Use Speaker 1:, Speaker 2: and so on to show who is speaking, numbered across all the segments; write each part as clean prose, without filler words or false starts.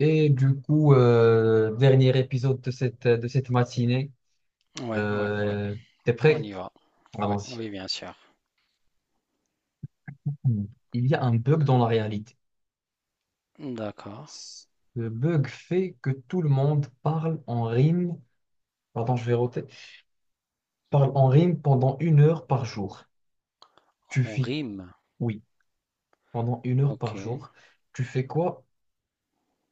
Speaker 1: Et du coup, dernier épisode de cette matinée.
Speaker 2: Ouais, ouais, ouais,
Speaker 1: Euh, t'es
Speaker 2: on
Speaker 1: prêt?
Speaker 2: y va. Ouais,
Speaker 1: Allons-y.
Speaker 2: oui, bien sûr.
Speaker 1: Il y a un bug dans la
Speaker 2: L-
Speaker 1: réalité.
Speaker 2: D'accord.
Speaker 1: Le bug fait que tout le monde parle en rime. Pardon, je vais roter. Parle en rime pendant une heure par jour. Tu
Speaker 2: On
Speaker 1: fais
Speaker 2: rime.
Speaker 1: oui, pendant une heure
Speaker 2: Ok.
Speaker 1: par jour. Tu fais quoi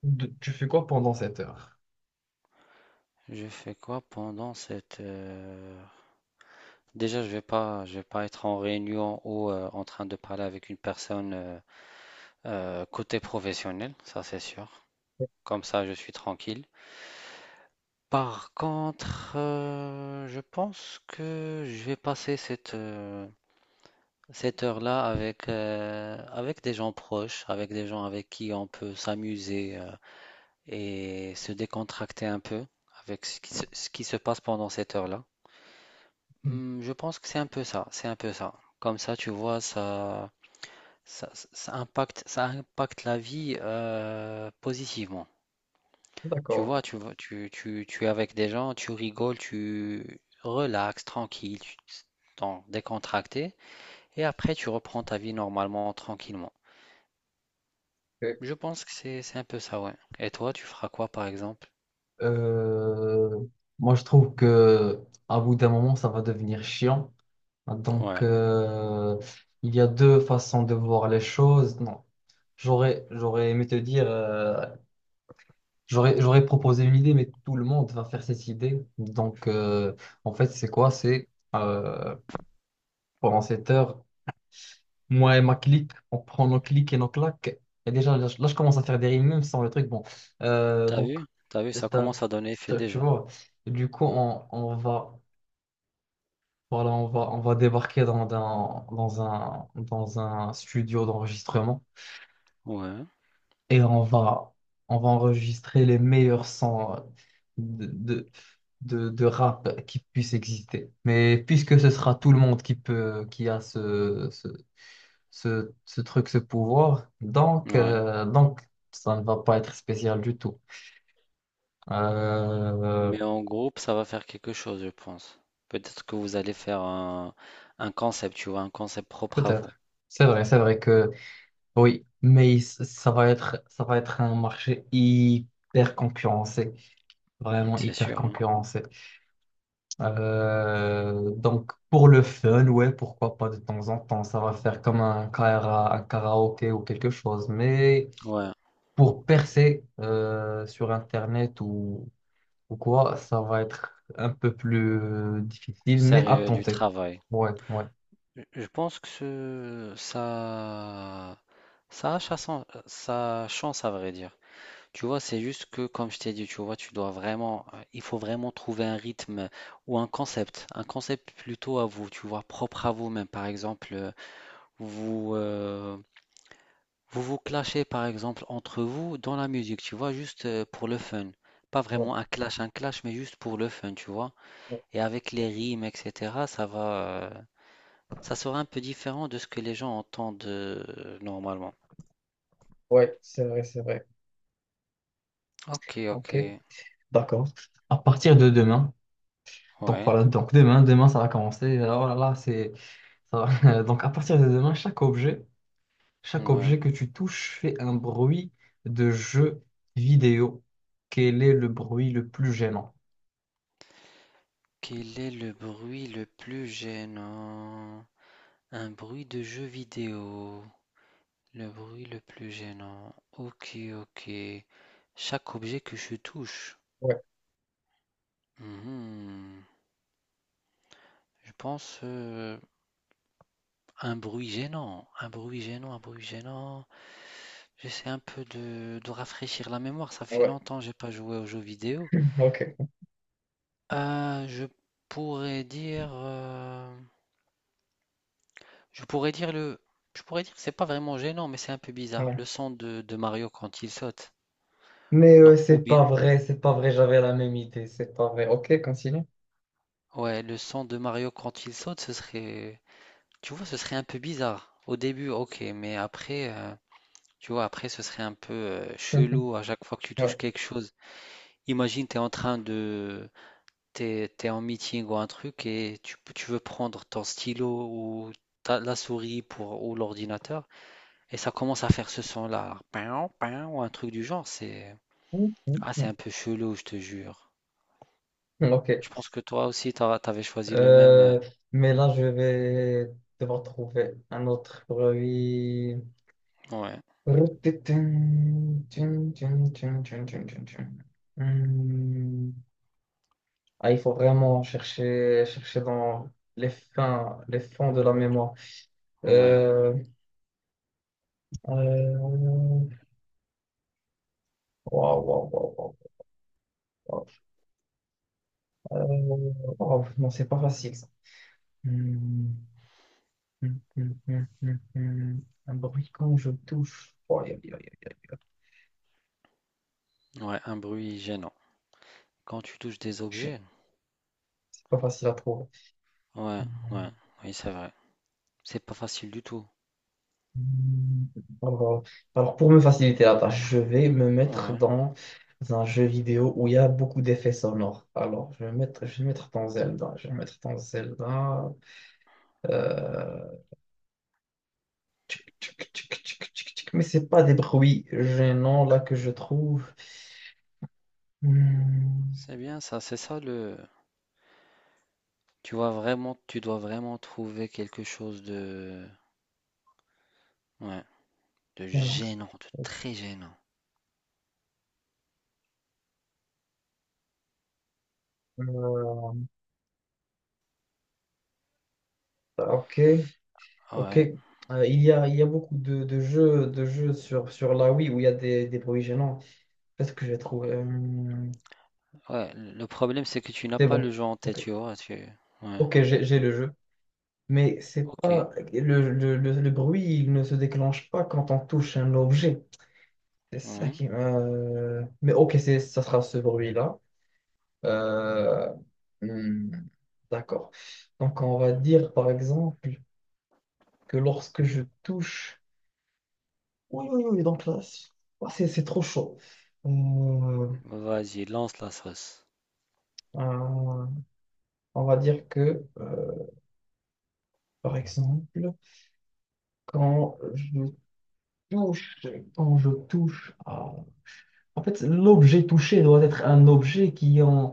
Speaker 1: de- tu fais quoi pendant cette heure?
Speaker 2: Je fais quoi pendant cette... Déjà, je vais pas être en réunion ou en train de parler avec une personne côté professionnel, ça c'est sûr. Comme ça, je suis tranquille. Par contre, je pense que je vais passer cette heure-là avec, avec des gens proches, avec des gens avec qui on peut s'amuser, et se décontracter un peu avec ce qui se passe pendant cette heure-là. Hmm, je pense que c'est un peu ça, c'est un peu ça. Comme ça, tu vois, ça impacte la vie, positivement. Tu
Speaker 1: D'accord.
Speaker 2: vois, tu es avec des gens, tu rigoles, tu relaxes, tranquille, tu t'en décontracté, et après tu reprends ta vie normalement, tranquillement.
Speaker 1: Ok.
Speaker 2: Je pense que c'est un peu ça, ouais. Et toi, tu feras quoi, par exemple?
Speaker 1: Euh, moi, je trouve que à bout d'un moment, ça va devenir chiant. Donc,
Speaker 2: Ouais.
Speaker 1: il y a deux façons de voir les choses. Non, j'aurais aimé te dire, j'aurais proposé une idée, mais tout le monde va faire cette idée. Donc, en fait, c'est quoi? C'est euh, pendant cette heure, moi et ma clique, on prend nos clics et nos claques. Et déjà, là, je commence à faire des rimes, même sans le truc. Bon,
Speaker 2: T'as
Speaker 1: donc,
Speaker 2: vu? T'as vu, ça
Speaker 1: c'est un-
Speaker 2: commence à donner effet
Speaker 1: tu
Speaker 2: déjà.
Speaker 1: vois, du coup, on va. Voilà, on va débarquer dans dans un studio d'enregistrement
Speaker 2: Ouais,
Speaker 1: et on va enregistrer les meilleurs sons de, de, de rap qui puissent exister. Mais puisque ce sera tout le monde qui peut, qui a ce truc, ce pouvoir,
Speaker 2: ouais.
Speaker 1: donc ça ne va pas être spécial du tout. Euh,
Speaker 2: Mais en groupe, ça va faire quelque chose, je pense. Peut-être que vous allez faire un concept, tu vois, un concept propre à vous,
Speaker 1: peut-être. C'est vrai que. Oui, ça va être un marché hyper concurrencé, vraiment
Speaker 2: c'est
Speaker 1: hyper
Speaker 2: sûr, hein.
Speaker 1: concurrencé. Donc pour le fun, ouais, pourquoi pas de temps en temps, ça va faire comme un karaoké ou quelque chose. Mais
Speaker 2: Ouais,
Speaker 1: pour percer sur Internet ou quoi, ça va être un peu plus difficile, mais à
Speaker 2: sérieux, du
Speaker 1: tenter.
Speaker 2: travail.
Speaker 1: Ouais, ouais,
Speaker 2: Je pense que ça a sa chance, à vrai dire. Tu vois, c'est juste que, comme je t'ai dit, tu vois, tu dois vraiment, il faut vraiment trouver un rythme ou un concept plutôt à vous, tu vois, propre à vous-même. Par exemple, vous, euh, vous vous clashez par exemple entre vous dans la musique, tu vois, juste pour le fun. Pas
Speaker 1: ouais,
Speaker 2: vraiment un clash, mais juste pour le fun, tu vois.
Speaker 1: ouais,
Speaker 2: Et avec les rimes, etc., ça sera un peu différent de ce que les gens entendent, normalement.
Speaker 1: ouais, c'est vrai, c'est vrai.
Speaker 2: Ok, ok,
Speaker 1: Ok, d'accord. À partir de demain. Donc
Speaker 2: ouais,
Speaker 1: voilà, donc demain, demain ça va commencer. Oh là là, Donc à partir de demain, chaque objet
Speaker 2: ouais.
Speaker 1: que tu touches fait un bruit de jeu vidéo. Quel est le bruit le plus gênant?
Speaker 2: Quel est le bruit le plus gênant? Un bruit de jeu vidéo. Le bruit le plus gênant. Ok, ok. Chaque objet que je touche.
Speaker 1: Ouais,
Speaker 2: Mhm. Je pense, un bruit gênant, un bruit gênant, un bruit gênant. J'essaie un peu de rafraîchir la mémoire. Ça fait
Speaker 1: ouais,
Speaker 2: longtemps que j'ai pas joué aux jeux vidéo.
Speaker 1: ok.
Speaker 2: Je pourrais dire, je pourrais dire le, je pourrais dire que c'est pas vraiment gênant, mais c'est un peu bizarre.
Speaker 1: Ouais.
Speaker 2: Le son de Mario quand il saute.
Speaker 1: Mais
Speaker 2: Non, ou bien,
Speaker 1: c'est pas vrai, j'avais la même idée, c'est pas vrai. Ok, continue.
Speaker 2: ouais, le son de Mario quand il saute, ce serait, tu vois, ce serait un peu bizarre. Au début, ok, mais après, tu vois, après, ce serait un peu,
Speaker 1: Mhm,
Speaker 2: chelou à chaque fois que tu
Speaker 1: ouais.
Speaker 2: touches quelque chose. Imagine, tu es en train de... T'es, t'es en meeting ou un truc et tu veux prendre ton stylo ou la souris pour, ou l'ordinateur et ça commence à faire ce son-là. Pain, pain, ou un truc du genre. C'est...
Speaker 1: Mhm,
Speaker 2: Ah, c'est un peu chelou, je te jure.
Speaker 1: mhm. Ok.
Speaker 2: Je pense que toi aussi, t'avais choisi le même.
Speaker 1: Euh, mais là, je vais devoir trouver un autre bruit.
Speaker 2: Ouais,
Speaker 1: Hmm. Ah, il faut vraiment chercher, chercher dans les les fonds de la mémoire.
Speaker 2: ouais,
Speaker 1: Euh, euh, waouh, waouh, waouh, waouh, waouh. Waouh, non, c'est pas facile ça. Hmm, hmm, hmm, hmm, hmm, hmm. Un bruit quand je touche. Oh, aïe, aïe, aïe, aïe, aïe.
Speaker 2: ouais, un bruit gênant. Quand tu touches des
Speaker 1: Chien.
Speaker 2: objets,
Speaker 1: C'est pas facile à trouver.
Speaker 2: ouais, ouais, oui, c'est vrai. C'est pas facile du tout.
Speaker 1: Hmm, Alors, alors, pour me faciliter la tâche, je vais me mettre
Speaker 2: Ouais,
Speaker 1: dans un jeu vidéo où il y a beaucoup d'effets sonores. Alors, je vais me mettre dans Zelda. Je vais me mettre dans Zelda. Euh... tchic, tchic, tchic, tchic, tchic, tchic. Mais c'est pas des bruits gênants là que je trouve. Hmm,
Speaker 2: c'est bien ça, c'est ça le, tu vois vraiment, tu dois vraiment trouver quelque chose de, ouais, de
Speaker 1: gênants.
Speaker 2: gênant, de très gênant.
Speaker 1: Euh, ok, ok.
Speaker 2: Ouais,
Speaker 1: Il y a beaucoup de de jeux sur la Wii où il y a des bruits gênants. Peut-être que je vais trouver.
Speaker 2: ouais. Le problème, c'est que tu n'as
Speaker 1: C'est
Speaker 2: pas le
Speaker 1: bon.
Speaker 2: jeu en tête,
Speaker 1: Ok,
Speaker 2: tu vois. Tu... Ouais,
Speaker 1: ok, j'ai le jeu. Mais c'est
Speaker 2: ok,
Speaker 1: pas le bruit, il ne se déclenche pas quand on touche un objet. C'est ça
Speaker 2: ouais.
Speaker 1: qui. Mais ok, c'est ça sera ce bruit-là. Euh, hmm, D'accord. Donc on va dire par exemple que lorsque je touche. Oui, oui, oui. Donc là, c'est trop chaud. Euh,
Speaker 2: Bah, vas-y, lance la sauce.
Speaker 1: euh, on va dire que par exemple quand je touche, quand je touche à- En fait, l'objet touché doit être un objet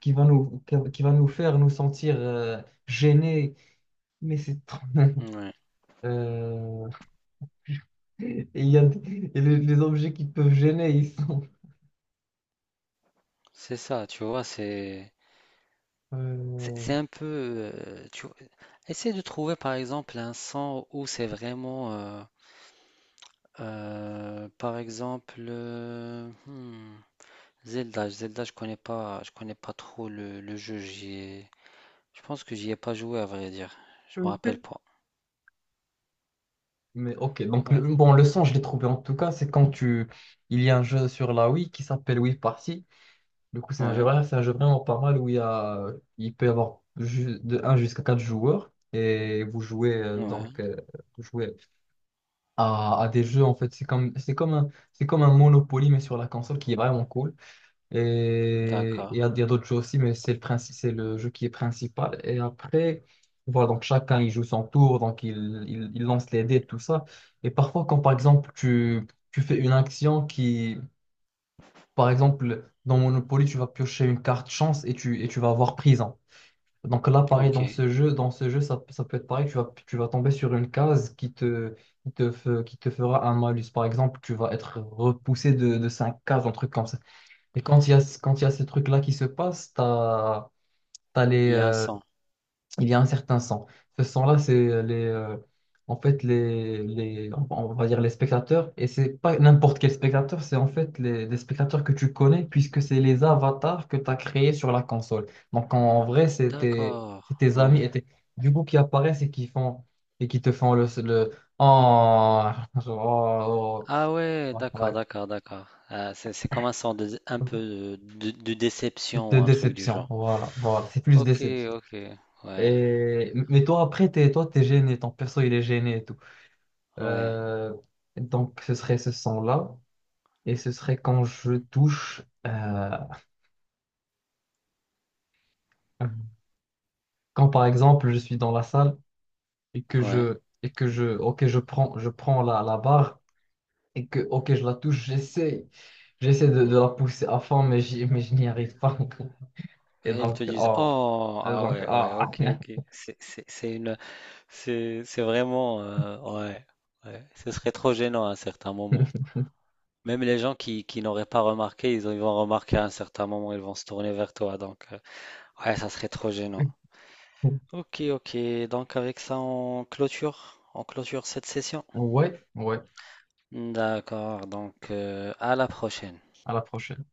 Speaker 1: qui va nous... qui va nous faire nous sentir gênés. Mais c'est trop...
Speaker 2: Ouais,
Speaker 1: Euh, et il y a... et les objets qui peuvent gêner, ils sont...
Speaker 2: c'est ça, tu vois, c'est, c'est
Speaker 1: euh,
Speaker 2: c'est un peu, tu vois. Essaie de trouver, par exemple, un son où c'est vraiment, par exemple, Zelda, Zelda, je connais pas trop le jeu. Je pense que j'y ai pas joué à vrai dire. Je me rappelle pas.
Speaker 1: Mais ok, donc
Speaker 2: Ouais,
Speaker 1: le... bon, le son, je l'ai trouvé en tout cas, c'est quand tu... Il y a un jeu sur la Wii qui s'appelle Wii Party. Du coup, c'est un jeu,
Speaker 2: ouais,
Speaker 1: voilà, c'est un jeu vraiment pas mal où il y a, il peut y avoir de un jusqu'à 4 joueurs et vous jouez
Speaker 2: ouais.
Speaker 1: donc vous jouez à des jeux en fait c'est comme c'est comme un Monopoly mais sur la console qui est vraiment cool et
Speaker 2: D'accord.
Speaker 1: il y a d'autres jeux aussi mais c'est le jeu qui est principal et après voilà donc chacun il joue son tour donc il lance les dés tout ça et parfois quand par exemple tu fais une action qui par exemple, dans Monopoly, tu vas piocher une carte chance et tu vas avoir prison. Donc là, pareil,
Speaker 2: Ok. Il
Speaker 1: dans ce jeu, ça peut être pareil, tu vas tomber sur une case qui te fera un malus. Par exemple, tu vas être repoussé de 5 cases, un truc comme ça. Et quand il y a ces trucs-là qui se passent, tu as, les,
Speaker 2: y a un son.
Speaker 1: il y a un certain sang. Ce sang-là, c'est les, en fait on va dire les spectateurs, et c'est pas n'importe quel spectateur, c'est en fait les spectateurs que tu connais, puisque c'est les avatars que tu as créés sur la console. Donc en vrai, c'est
Speaker 2: D'accord.
Speaker 1: tes amis
Speaker 2: Ouais.
Speaker 1: et du coup qui apparaissent et qui font et qui te font le oh, oh,
Speaker 2: Ah ouais,
Speaker 1: oh, ouais.
Speaker 2: d'accord, d'accord, d'accord. Ah, c'est comme un son de, un peu de déception
Speaker 1: De
Speaker 2: ou un truc du
Speaker 1: déception,
Speaker 2: genre.
Speaker 1: voilà, voilà, c'est plus
Speaker 2: Ok,
Speaker 1: déception.
Speaker 2: ok. Ouais,
Speaker 1: Et, mais toi, après, toi, t'es gêné, ton perso, il est gêné et tout.
Speaker 2: ouais,
Speaker 1: Euh, donc, ce serait ce son-là. Et ce serait quand je touche, euh, quand par exemple je suis dans la salle et
Speaker 2: ouais.
Speaker 1: que je, ok, je prends la barre et que, ok, je la touche, j'essaie de la pousser à fond, mais je n'y arrive pas. Et
Speaker 2: Et ils
Speaker 1: donc,
Speaker 2: te disent,
Speaker 1: oh,
Speaker 2: oh,
Speaker 1: et
Speaker 2: ah
Speaker 1: donc,
Speaker 2: ouais, ouais,
Speaker 1: ah.
Speaker 2: ok, ok. C'est une c'est vraiment, ouais, ouais. Ce serait trop gênant à un certain moment. Même les gens qui n'auraient pas remarqué, ils vont remarquer à un certain moment, ils vont se tourner vers toi. Donc, ouais, ça serait trop gênant. Ok, ok. Donc, avec ça, on clôture cette session.
Speaker 1: Ouais, ouais,
Speaker 2: D'accord. Donc, à la prochaine.
Speaker 1: à la prochaine.